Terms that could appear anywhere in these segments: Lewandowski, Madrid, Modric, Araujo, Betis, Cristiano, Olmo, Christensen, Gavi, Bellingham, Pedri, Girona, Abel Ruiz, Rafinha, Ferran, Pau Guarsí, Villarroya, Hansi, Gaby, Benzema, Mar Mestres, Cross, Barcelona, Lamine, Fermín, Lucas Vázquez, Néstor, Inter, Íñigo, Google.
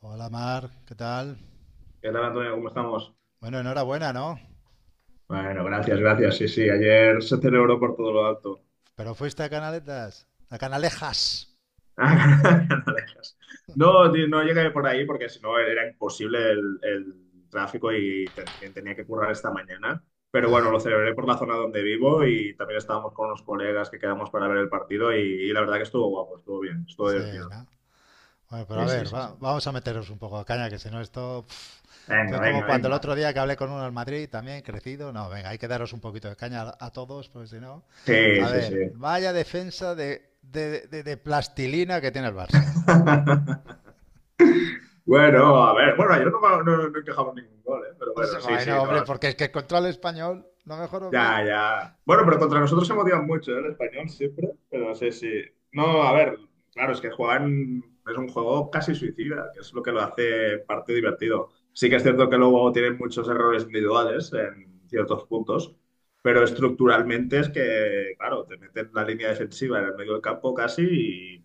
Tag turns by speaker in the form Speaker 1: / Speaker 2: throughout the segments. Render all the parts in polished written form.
Speaker 1: Hola Mar, ¿qué tal?
Speaker 2: ¿Qué tal, Antonio? ¿Cómo estamos?
Speaker 1: Bueno, enhorabuena, ¿no?
Speaker 2: Bueno, gracias, gracias. Sí, sí, ayer se celebró por todo lo alto.
Speaker 1: Pero fuiste a Canaletas, a Canalejas.
Speaker 2: Ah, no dejas. No, tío, no llegué por ahí porque si no era imposible el tráfico y también tenía que currar esta mañana. Pero bueno, lo celebré por la zona donde vivo y también estábamos con unos colegas que quedamos para ver el partido y la verdad que estuvo guapo, estuvo bien, estuvo
Speaker 1: Sí,
Speaker 2: divertido.
Speaker 1: ¿no? Bueno, pero a
Speaker 2: Sí, sí,
Speaker 1: ver,
Speaker 2: sí, sí.
Speaker 1: vamos a meteros un poco a caña, que si no pf, esto
Speaker 2: Venga,
Speaker 1: es como
Speaker 2: venga,
Speaker 1: cuando el
Speaker 2: venga.
Speaker 1: otro día que hablé con uno en Madrid, también crecido. No, venga, hay que daros un poquito de caña a todos, porque si no...
Speaker 2: Sí,
Speaker 1: A
Speaker 2: sí,
Speaker 1: ver,
Speaker 2: sí.
Speaker 1: vaya defensa de plastilina que tiene el Barça.
Speaker 2: Bueno, a ver, bueno, ayer no, no, no encajamos ningún gol, ¿eh? Pero
Speaker 1: O
Speaker 2: bueno,
Speaker 1: sea,
Speaker 2: sí,
Speaker 1: bueno,
Speaker 2: sí,
Speaker 1: hombre,
Speaker 2: no.
Speaker 1: porque es que contra el español, lo mejor os ves.
Speaker 2: Ya, ya. Bueno, pero contra nosotros se motivan mucho, ¿eh? El español siempre, pero no sé si... No, a ver, claro, es que juegan... Es un juego casi suicida, que es lo que lo hace parte divertido. Sí que es cierto que luego tienen muchos errores individuales en ciertos puntos, pero estructuralmente es que, claro, te meten la línea defensiva en el medio del campo casi y,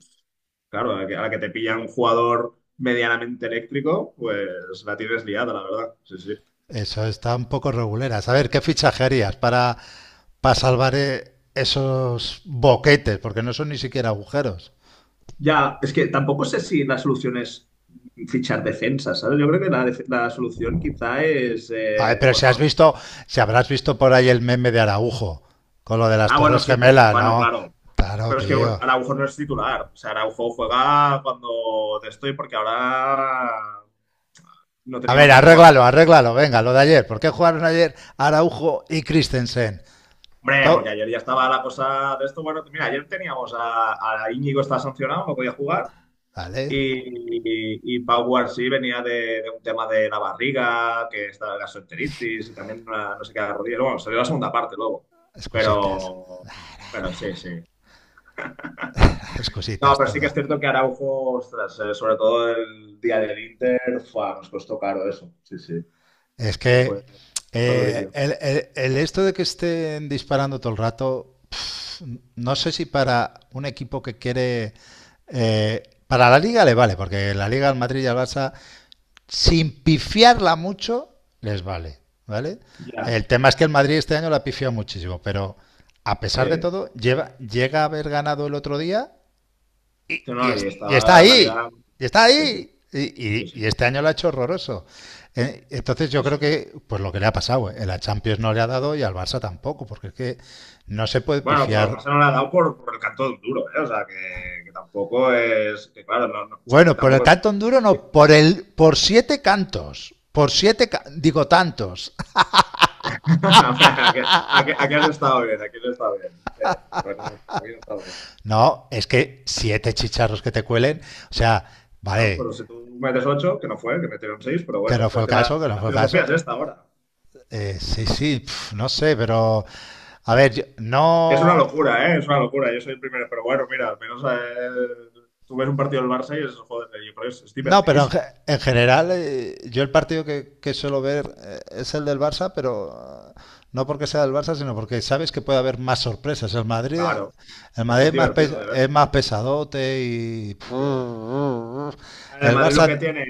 Speaker 2: claro, a la que te pilla un jugador medianamente eléctrico, pues la tienes liada, la verdad. Sí, sí.
Speaker 1: Eso está un poco regulera. A ver, ¿qué fichajerías para salvar esos boquetes, porque no son ni siquiera agujeros.
Speaker 2: Ya, es que tampoco sé si la solución es fichar defensa, ¿sabes? Yo creo que la solución quizá es,
Speaker 1: Ay, pero si has
Speaker 2: bueno.
Speaker 1: visto, si habrás visto por ahí el meme de Araujo, con lo de las
Speaker 2: Ah, bueno,
Speaker 1: Torres
Speaker 2: sí,
Speaker 1: Gemelas,
Speaker 2: bueno,
Speaker 1: ¿no?
Speaker 2: claro,
Speaker 1: Claro,
Speaker 2: pero es que bueno,
Speaker 1: tío.
Speaker 2: Araujo no es titular, o sea, Araujo juega cuando de estoy porque ahora no
Speaker 1: A ver,
Speaker 2: teníamos tampoco a...
Speaker 1: arréglalo, arréglalo, venga, lo de ayer. ¿Por qué jugaron ayer Araujo y Christensen?
Speaker 2: Hombre,
Speaker 1: To-
Speaker 2: porque ayer ya estaba la cosa de esto, bueno, mira, ayer teníamos a Íñigo está sancionado, no podía jugar.
Speaker 1: vale,
Speaker 2: Y Pau Guarsí venía de un tema de la barriga, que estaba la gastroenteritis y también una- no sé qué de la rodilla. Bueno, salió la segunda parte luego,
Speaker 1: excusitas,
Speaker 2: pero, pero sí, sí. No,
Speaker 1: excusitas
Speaker 2: pero sí que
Speaker 1: toda.
Speaker 2: es cierto que Araujo, ostras, sobre todo el día del Inter, fua, nos costó caro eso. Sí, sí.
Speaker 1: Es
Speaker 2: Fue,
Speaker 1: que
Speaker 2: fue durillo.
Speaker 1: el esto de que estén disparando todo el rato. No sé si para un equipo que quiere... para la Liga le vale, porque la Liga al Madrid y al Barça, sin pifiarla mucho, les vale, ¿vale?
Speaker 2: Ya,
Speaker 1: El tema es que el Madrid este año la pifió muchísimo, pero a pesar de
Speaker 2: sí.
Speaker 1: todo, llega a haber ganado el otro día y,
Speaker 2: Sí,
Speaker 1: y
Speaker 2: no, y
Speaker 1: y está
Speaker 2: estaba la liga.
Speaker 1: ahí, y está
Speaker 2: Sí, sí,
Speaker 1: ahí,
Speaker 2: sí,
Speaker 1: y
Speaker 2: sí,
Speaker 1: este año lo ha hecho horroroso. Entonces
Speaker 2: sí,
Speaker 1: yo creo
Speaker 2: sí.
Speaker 1: que, pues lo que le ha pasado, la Champions no le ha dado y al Barça tampoco, porque es que no se puede
Speaker 2: Bueno, pero al
Speaker 1: pifiar.
Speaker 2: Barcelona le ha dado por el canto de un duro, ¿eh? O sea, que tampoco es. Que claro, no, no-
Speaker 1: Bueno, por el
Speaker 2: tampoco.
Speaker 1: canto duro no, por siete cantos, por siete, digo tantos.
Speaker 2: A ver, aquí has estado bien, aquí has estado bien. Pero bueno, aquí has estado bien.
Speaker 1: No, es que siete chicharros que te cuelen, o sea,
Speaker 2: Bueno,
Speaker 1: vale,
Speaker 2: pero si tú metes 8, que no fue, que metieron 6, pero
Speaker 1: que
Speaker 2: bueno,
Speaker 1: no fue
Speaker 2: es
Speaker 1: el
Speaker 2: que la,
Speaker 1: caso, que no
Speaker 2: la
Speaker 1: fue el
Speaker 2: filosofía
Speaker 1: caso.
Speaker 2: es esta ahora.
Speaker 1: Sí, sí, pf, no sé, pero a ver,
Speaker 2: Es una
Speaker 1: no.
Speaker 2: locura, ¿eh? Es una locura. Yo soy el primero, pero bueno, mira, al menos tú ves un partido del Barça y es, joder, yo creo que es
Speaker 1: No, pero
Speaker 2: divertidísimo.
Speaker 1: en general yo el partido que suelo ver es el del Barça, pero no porque sea del Barça, sino porque sabes que puede haber más sorpresas.
Speaker 2: Claro,
Speaker 1: El
Speaker 2: es que
Speaker 1: Madrid
Speaker 2: es
Speaker 1: es más,
Speaker 2: divertido, de ver.
Speaker 1: es más pesadote y...
Speaker 2: Sí. El
Speaker 1: El
Speaker 2: Madrid lo
Speaker 1: Barça...
Speaker 2: que tiene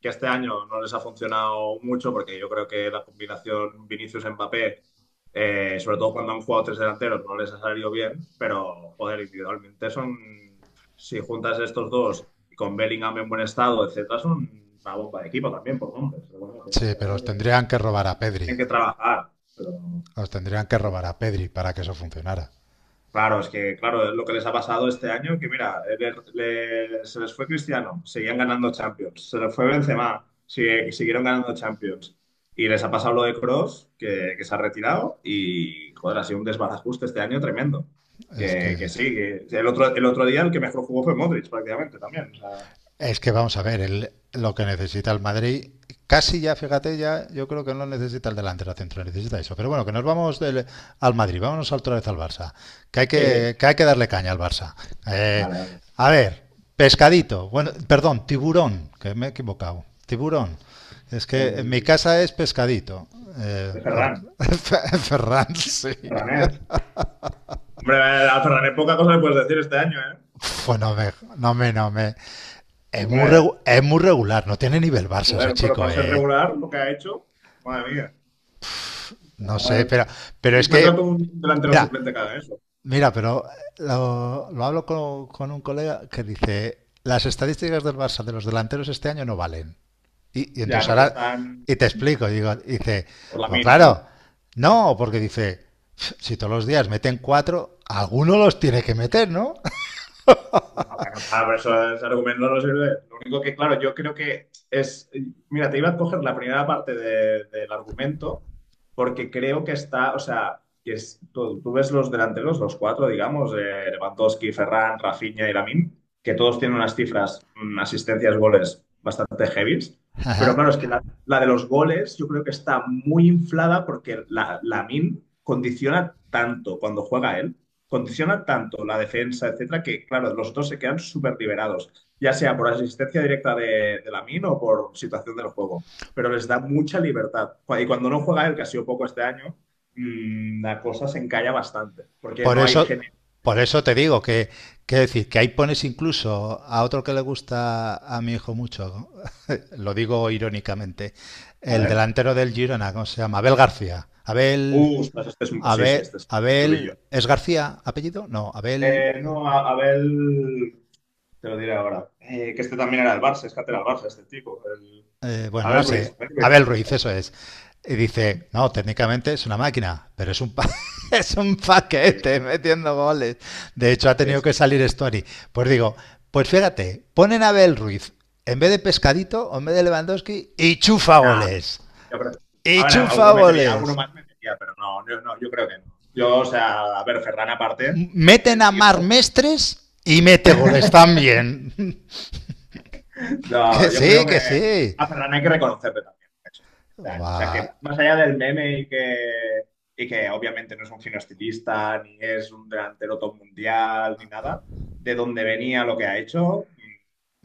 Speaker 2: que este año no les ha funcionado mucho porque yo creo que la combinación Vinicius-Mbappé, sobre todo cuando han jugado tres delanteros, no les ha salido bien, pero joder, individualmente son, si juntas estos dos y con Bellingham en buen estado, etcétera, son una bomba de equipo también por nombres. Pero bueno, tienen
Speaker 1: Sí, pero os
Speaker 2: que,
Speaker 1: tendrían que robar a Pedri.
Speaker 2: tienen que trabajar. Pero
Speaker 1: Os tendrían que robar a Pedri para que eso funcionara.
Speaker 2: claro, es que, claro, es lo que les ha pasado este año, que mira, se les fue Cristiano, seguían ganando Champions, se les fue Benzema, siguieron ganando Champions, y les ha pasado lo de Cross que se ha retirado, y joder, ha sido un desbarajuste este año tremendo.
Speaker 1: Es que...
Speaker 2: Que sí, que el otro día el que mejor jugó fue Modric prácticamente también. O sea,
Speaker 1: Es que vamos a ver, lo que necesita el Madrid, casi ya, fíjate, ya yo creo que no necesita el delantero central, necesita eso. Pero bueno, que nos vamos al Madrid, vámonos otra vez al Barça,
Speaker 2: jeje.
Speaker 1: que hay que darle caña al Barça. Eh,
Speaker 2: Vale, vale.
Speaker 1: a ver, pescadito, bueno, perdón, tiburón, que me he equivocado, tiburón. Es que en mi
Speaker 2: El,
Speaker 1: casa es pescadito.
Speaker 2: el
Speaker 1: Por...
Speaker 2: Ferran,
Speaker 1: Ferran, sí.
Speaker 2: Ferranet. Hombre, al Ferranet poca cosa le puedes decir este año, ¿eh?
Speaker 1: Pues no me. Es muy,
Speaker 2: Hombre.
Speaker 1: es muy regular, no tiene nivel Barça ese
Speaker 2: Joder, pero
Speaker 1: chico,
Speaker 2: para ser
Speaker 1: eh.
Speaker 2: regular, lo que ha hecho, madre mía.
Speaker 1: No
Speaker 2: Ya,
Speaker 1: sé, pero es
Speaker 2: encuentra tú
Speaker 1: que,
Speaker 2: un delantero suplente
Speaker 1: mira,
Speaker 2: cada eso.
Speaker 1: mira, pero lo hablo con un colega que dice, las estadísticas del Barça de los delanteros este año no valen.
Speaker 2: Ya,
Speaker 1: Entonces
Speaker 2: porque
Speaker 1: ahora,
Speaker 2: están
Speaker 1: y te explico, digo, dice,
Speaker 2: por la
Speaker 1: pues
Speaker 2: min, ¿no?
Speaker 1: claro, no, porque dice, si todos los días meten cuatro, alguno los tiene que meter, ¿no?
Speaker 2: No, para nada, pero eso, ese argumento no sirve. Lo único que, claro, yo creo que es. Mira, te iba a coger la primera parte de- del argumento, porque creo que está, o sea, que tú ves los delanteros, los cuatro, digamos, Lewandowski, Ferran, Rafinha y Lamine, que todos tienen unas cifras, asistencias, goles bastante heavies. Pero claro, es que la de los goles yo creo que está muy inflada porque Lamine condiciona tanto cuando juega él condiciona tanto la defensa, etcétera, que claro, los dos se quedan súper liberados, ya sea por asistencia directa de Lamin o por situación del juego, pero les da mucha libertad. Cu- Y cuando no juega él, que ha sido poco este año, la cosa se encalla bastante, porque
Speaker 1: Por
Speaker 2: no hay
Speaker 1: eso,
Speaker 2: genes.
Speaker 1: por eso te digo que decir, que ahí pones incluso a otro que le gusta a mi hijo mucho, lo digo irónicamente,
Speaker 2: A
Speaker 1: el
Speaker 2: ver.
Speaker 1: delantero del Girona, ¿cómo se llama? Abel García.
Speaker 2: Ostras, este es un... Sí, sí, este es durillo.
Speaker 1: Abel, ¿es García apellido? No, Abel,
Speaker 2: No, Abel... Te lo diré ahora. Que este también era del Barça, es que era del Barça, este tipo. El-
Speaker 1: bueno, no
Speaker 2: Abel Ruiz.
Speaker 1: sé,
Speaker 2: Abel Ruiz.
Speaker 1: Abel Ruiz,
Speaker 2: Abel-
Speaker 1: eso es. Y dice, no, técnicamente es una máquina, pero es un, es un
Speaker 2: eh,
Speaker 1: paquete metiendo goles. De hecho, ha
Speaker 2: Sí,
Speaker 1: tenido que
Speaker 2: sí.
Speaker 1: salir Story. Pues digo, pues fíjate, ponen a Abel Ruiz en vez de Pescadito o en vez de Lewandowski y chufa
Speaker 2: Nah,
Speaker 1: goles.
Speaker 2: yo creo-
Speaker 1: Y
Speaker 2: a ver,
Speaker 1: chufa
Speaker 2: alguno metería, alguno
Speaker 1: goles.
Speaker 2: más metería, pero no, yo, no, yo creo que no. Yo, o sea, a ver, Ferran aparte,
Speaker 1: Meten
Speaker 2: el
Speaker 1: a
Speaker 2: tío,
Speaker 1: Mar Mestres y mete goles también. Que
Speaker 2: no, yo
Speaker 1: sí,
Speaker 2: creo
Speaker 1: que
Speaker 2: que
Speaker 1: sí.
Speaker 2: a Ferran hay que reconocerle también. Lo que ha hecho esto este años. O sea,
Speaker 1: Buah,
Speaker 2: que más allá del meme y que obviamente no es un fino estilista, ni es un delantero top mundial, ni nada, de dónde venía lo que ha hecho,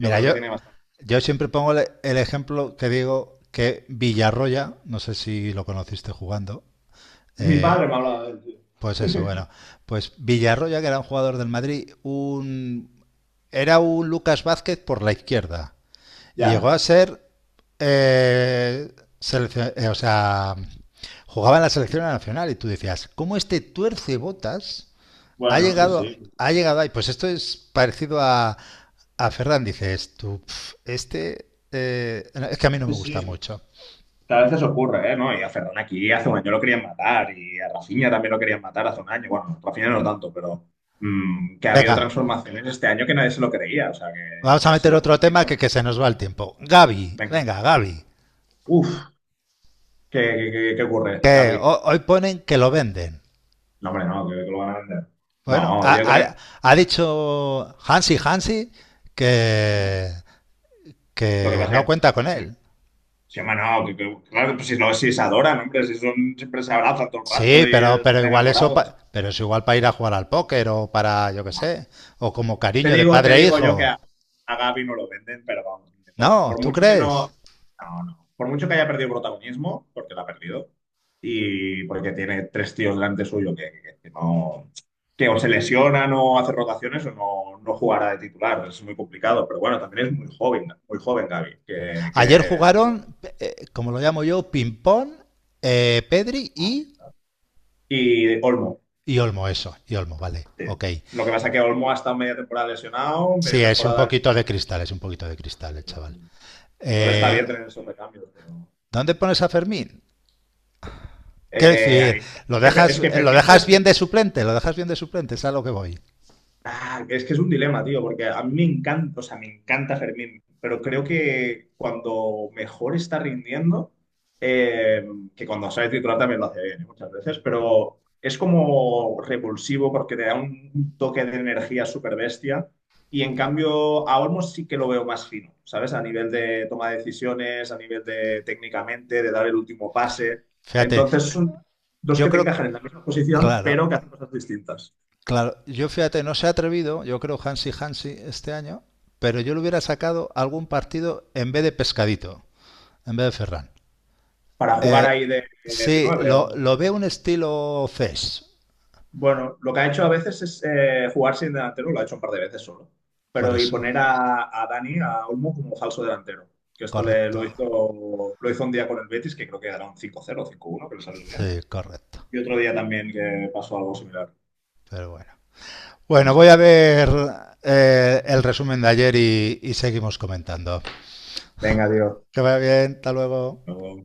Speaker 2: yo creo que
Speaker 1: yo,
Speaker 2: tiene bastante.
Speaker 1: yo siempre pongo el ejemplo que digo que Villarroya, no sé si lo conociste jugando,
Speaker 2: Mi
Speaker 1: eh,
Speaker 2: padre me ha hablado del tío.
Speaker 1: pues eso, bueno, pues Villarroya, que era un jugador del Madrid, un, era un Lucas Vázquez por la izquierda y
Speaker 2: Ya,
Speaker 1: llegó a ser, eh, o sea, jugaba en la selección nacional y tú decías, ¿cómo este tuerce botas
Speaker 2: bueno, sí, sí.
Speaker 1: ha llegado ahí? Pues esto es parecido a Ferran. Dices tú, "Pf, este no, es que a mí no me
Speaker 2: Sí,
Speaker 1: gusta
Speaker 2: sí.
Speaker 1: mucho".
Speaker 2: Tal vez veces ocurre, ¿eh? ¿No? Y a Ferran aquí hace un año lo querían matar y a Rafinha también lo querían matar hace un año. Bueno, Rafinha no tanto, pero que ha habido
Speaker 1: Venga,
Speaker 2: transformaciones este año que nadie se lo creía. O sea,
Speaker 1: vamos
Speaker 2: que
Speaker 1: a
Speaker 2: ha
Speaker 1: meter
Speaker 2: sido como
Speaker 1: otro
Speaker 2: un
Speaker 1: tema
Speaker 2: milagro.
Speaker 1: que se nos va el tiempo. Gaby,
Speaker 2: Venga.
Speaker 1: venga, Gaby.
Speaker 2: Uf, ¿qué ocurre,
Speaker 1: Que
Speaker 2: Gaby?
Speaker 1: hoy ponen que lo venden.
Speaker 2: No, hombre, no, que lo van a vender.
Speaker 1: Bueno,
Speaker 2: No, yo creo...
Speaker 1: ha- ha dicho Hansi
Speaker 2: Lo
Speaker 1: que,
Speaker 2: que
Speaker 1: que
Speaker 2: pasa
Speaker 1: no
Speaker 2: es que...
Speaker 1: cuenta con él.
Speaker 2: Sí, hombre, no, que- claro, pues si, no, si se adoran, hombre, si son, siempre se abrazan todo el rato
Speaker 1: Sí,
Speaker 2: y
Speaker 1: pero
Speaker 2: están
Speaker 1: igual eso,
Speaker 2: enamorados.
Speaker 1: pero es igual para ir a jugar al póker o para, yo qué
Speaker 2: No,
Speaker 1: sé, o como
Speaker 2: te
Speaker 1: cariño de
Speaker 2: digo, te
Speaker 1: padre e
Speaker 2: digo yo que
Speaker 1: hijo.
Speaker 2: a, Gavi no lo venden, pero vamos, ni de coña.
Speaker 1: No,
Speaker 2: Por
Speaker 1: ¿tú
Speaker 2: mucho que
Speaker 1: crees?
Speaker 2: no, no, no. Por mucho que haya perdido protagonismo, porque lo ha perdido, y porque tiene tres tíos delante suyo que no, que o se lesionan o hace rotaciones o no, no jugará de titular. Es muy complicado, pero bueno, también es muy joven Gavi,
Speaker 1: Ayer
Speaker 2: que estuvo-
Speaker 1: jugaron, como lo llamo yo, ping-pong, Pedri
Speaker 2: Y Olmo,
Speaker 1: y Olmo, eso. Y Olmo, vale.
Speaker 2: sí.
Speaker 1: Ok.
Speaker 2: Lo que pasa es que Olmo ha estado media temporada lesionado,
Speaker 1: Sí,
Speaker 2: media
Speaker 1: es un
Speaker 2: temporada...
Speaker 1: poquito de cristal, es un poquito de cristal, el chaval.
Speaker 2: Entonces está bien
Speaker 1: Eh,
Speaker 2: tener esos recambios, pero...
Speaker 1: ¿Dónde pones a Fermín? Quiero
Speaker 2: Ahí
Speaker 1: decir,
Speaker 2: está. Es que, Fe- es que
Speaker 1: lo
Speaker 2: Fermín,
Speaker 1: dejas
Speaker 2: ¿sabes qué
Speaker 1: bien de
Speaker 2: pasa?
Speaker 1: suplente, lo dejas bien de suplente, es a lo que voy.
Speaker 2: Ah, es que es un dilema, tío, porque a mí me encanta, o sea, me encanta Fermín, pero creo que cuando mejor está rindiendo, eh, que cuando sale titular también lo hace bien, ¿eh? Muchas veces, pero es como repulsivo porque te da un toque de energía súper bestia y en cambio a Olmos sí que lo veo más fino, ¿sabes? A nivel de toma de decisiones, a nivel de técnicamente, de dar el último pase.
Speaker 1: Fíjate,
Speaker 2: Entonces son dos
Speaker 1: yo
Speaker 2: que te
Speaker 1: creo,
Speaker 2: encajan en la misma posición,
Speaker 1: claro,
Speaker 2: pero que hacen cosas distintas.
Speaker 1: claro, yo fíjate, no se ha atrevido, yo creo Hansi este año, pero yo le hubiera sacado algún partido en vez de Pescadito, en vez de Ferran.
Speaker 2: Para jugar ahí
Speaker 1: Eh,
Speaker 2: de
Speaker 1: sí,
Speaker 2: nueve.
Speaker 1: lo
Speaker 2: O...
Speaker 1: veo un estilo Fes,
Speaker 2: Bueno, lo que ha hecho a veces es jugar sin delantero, lo ha hecho un par de veces solo.
Speaker 1: por
Speaker 2: Pero y
Speaker 1: eso.
Speaker 2: poner a, Dani, a Olmo, como falso delantero. Que esto le,
Speaker 1: Correcto.
Speaker 2: lo hizo un día con el Betis, que creo que era un cinco cero 0 5-1, que le salió bien.
Speaker 1: Sí, correcto.
Speaker 2: Y otro día también que pasó algo similar.
Speaker 1: Pero bueno.
Speaker 2: Sí,
Speaker 1: Bueno,
Speaker 2: sí.
Speaker 1: voy a ver el resumen de ayer y seguimos comentando.
Speaker 2: Venga, Dios.
Speaker 1: Que vaya bien, hasta luego.
Speaker 2: Pero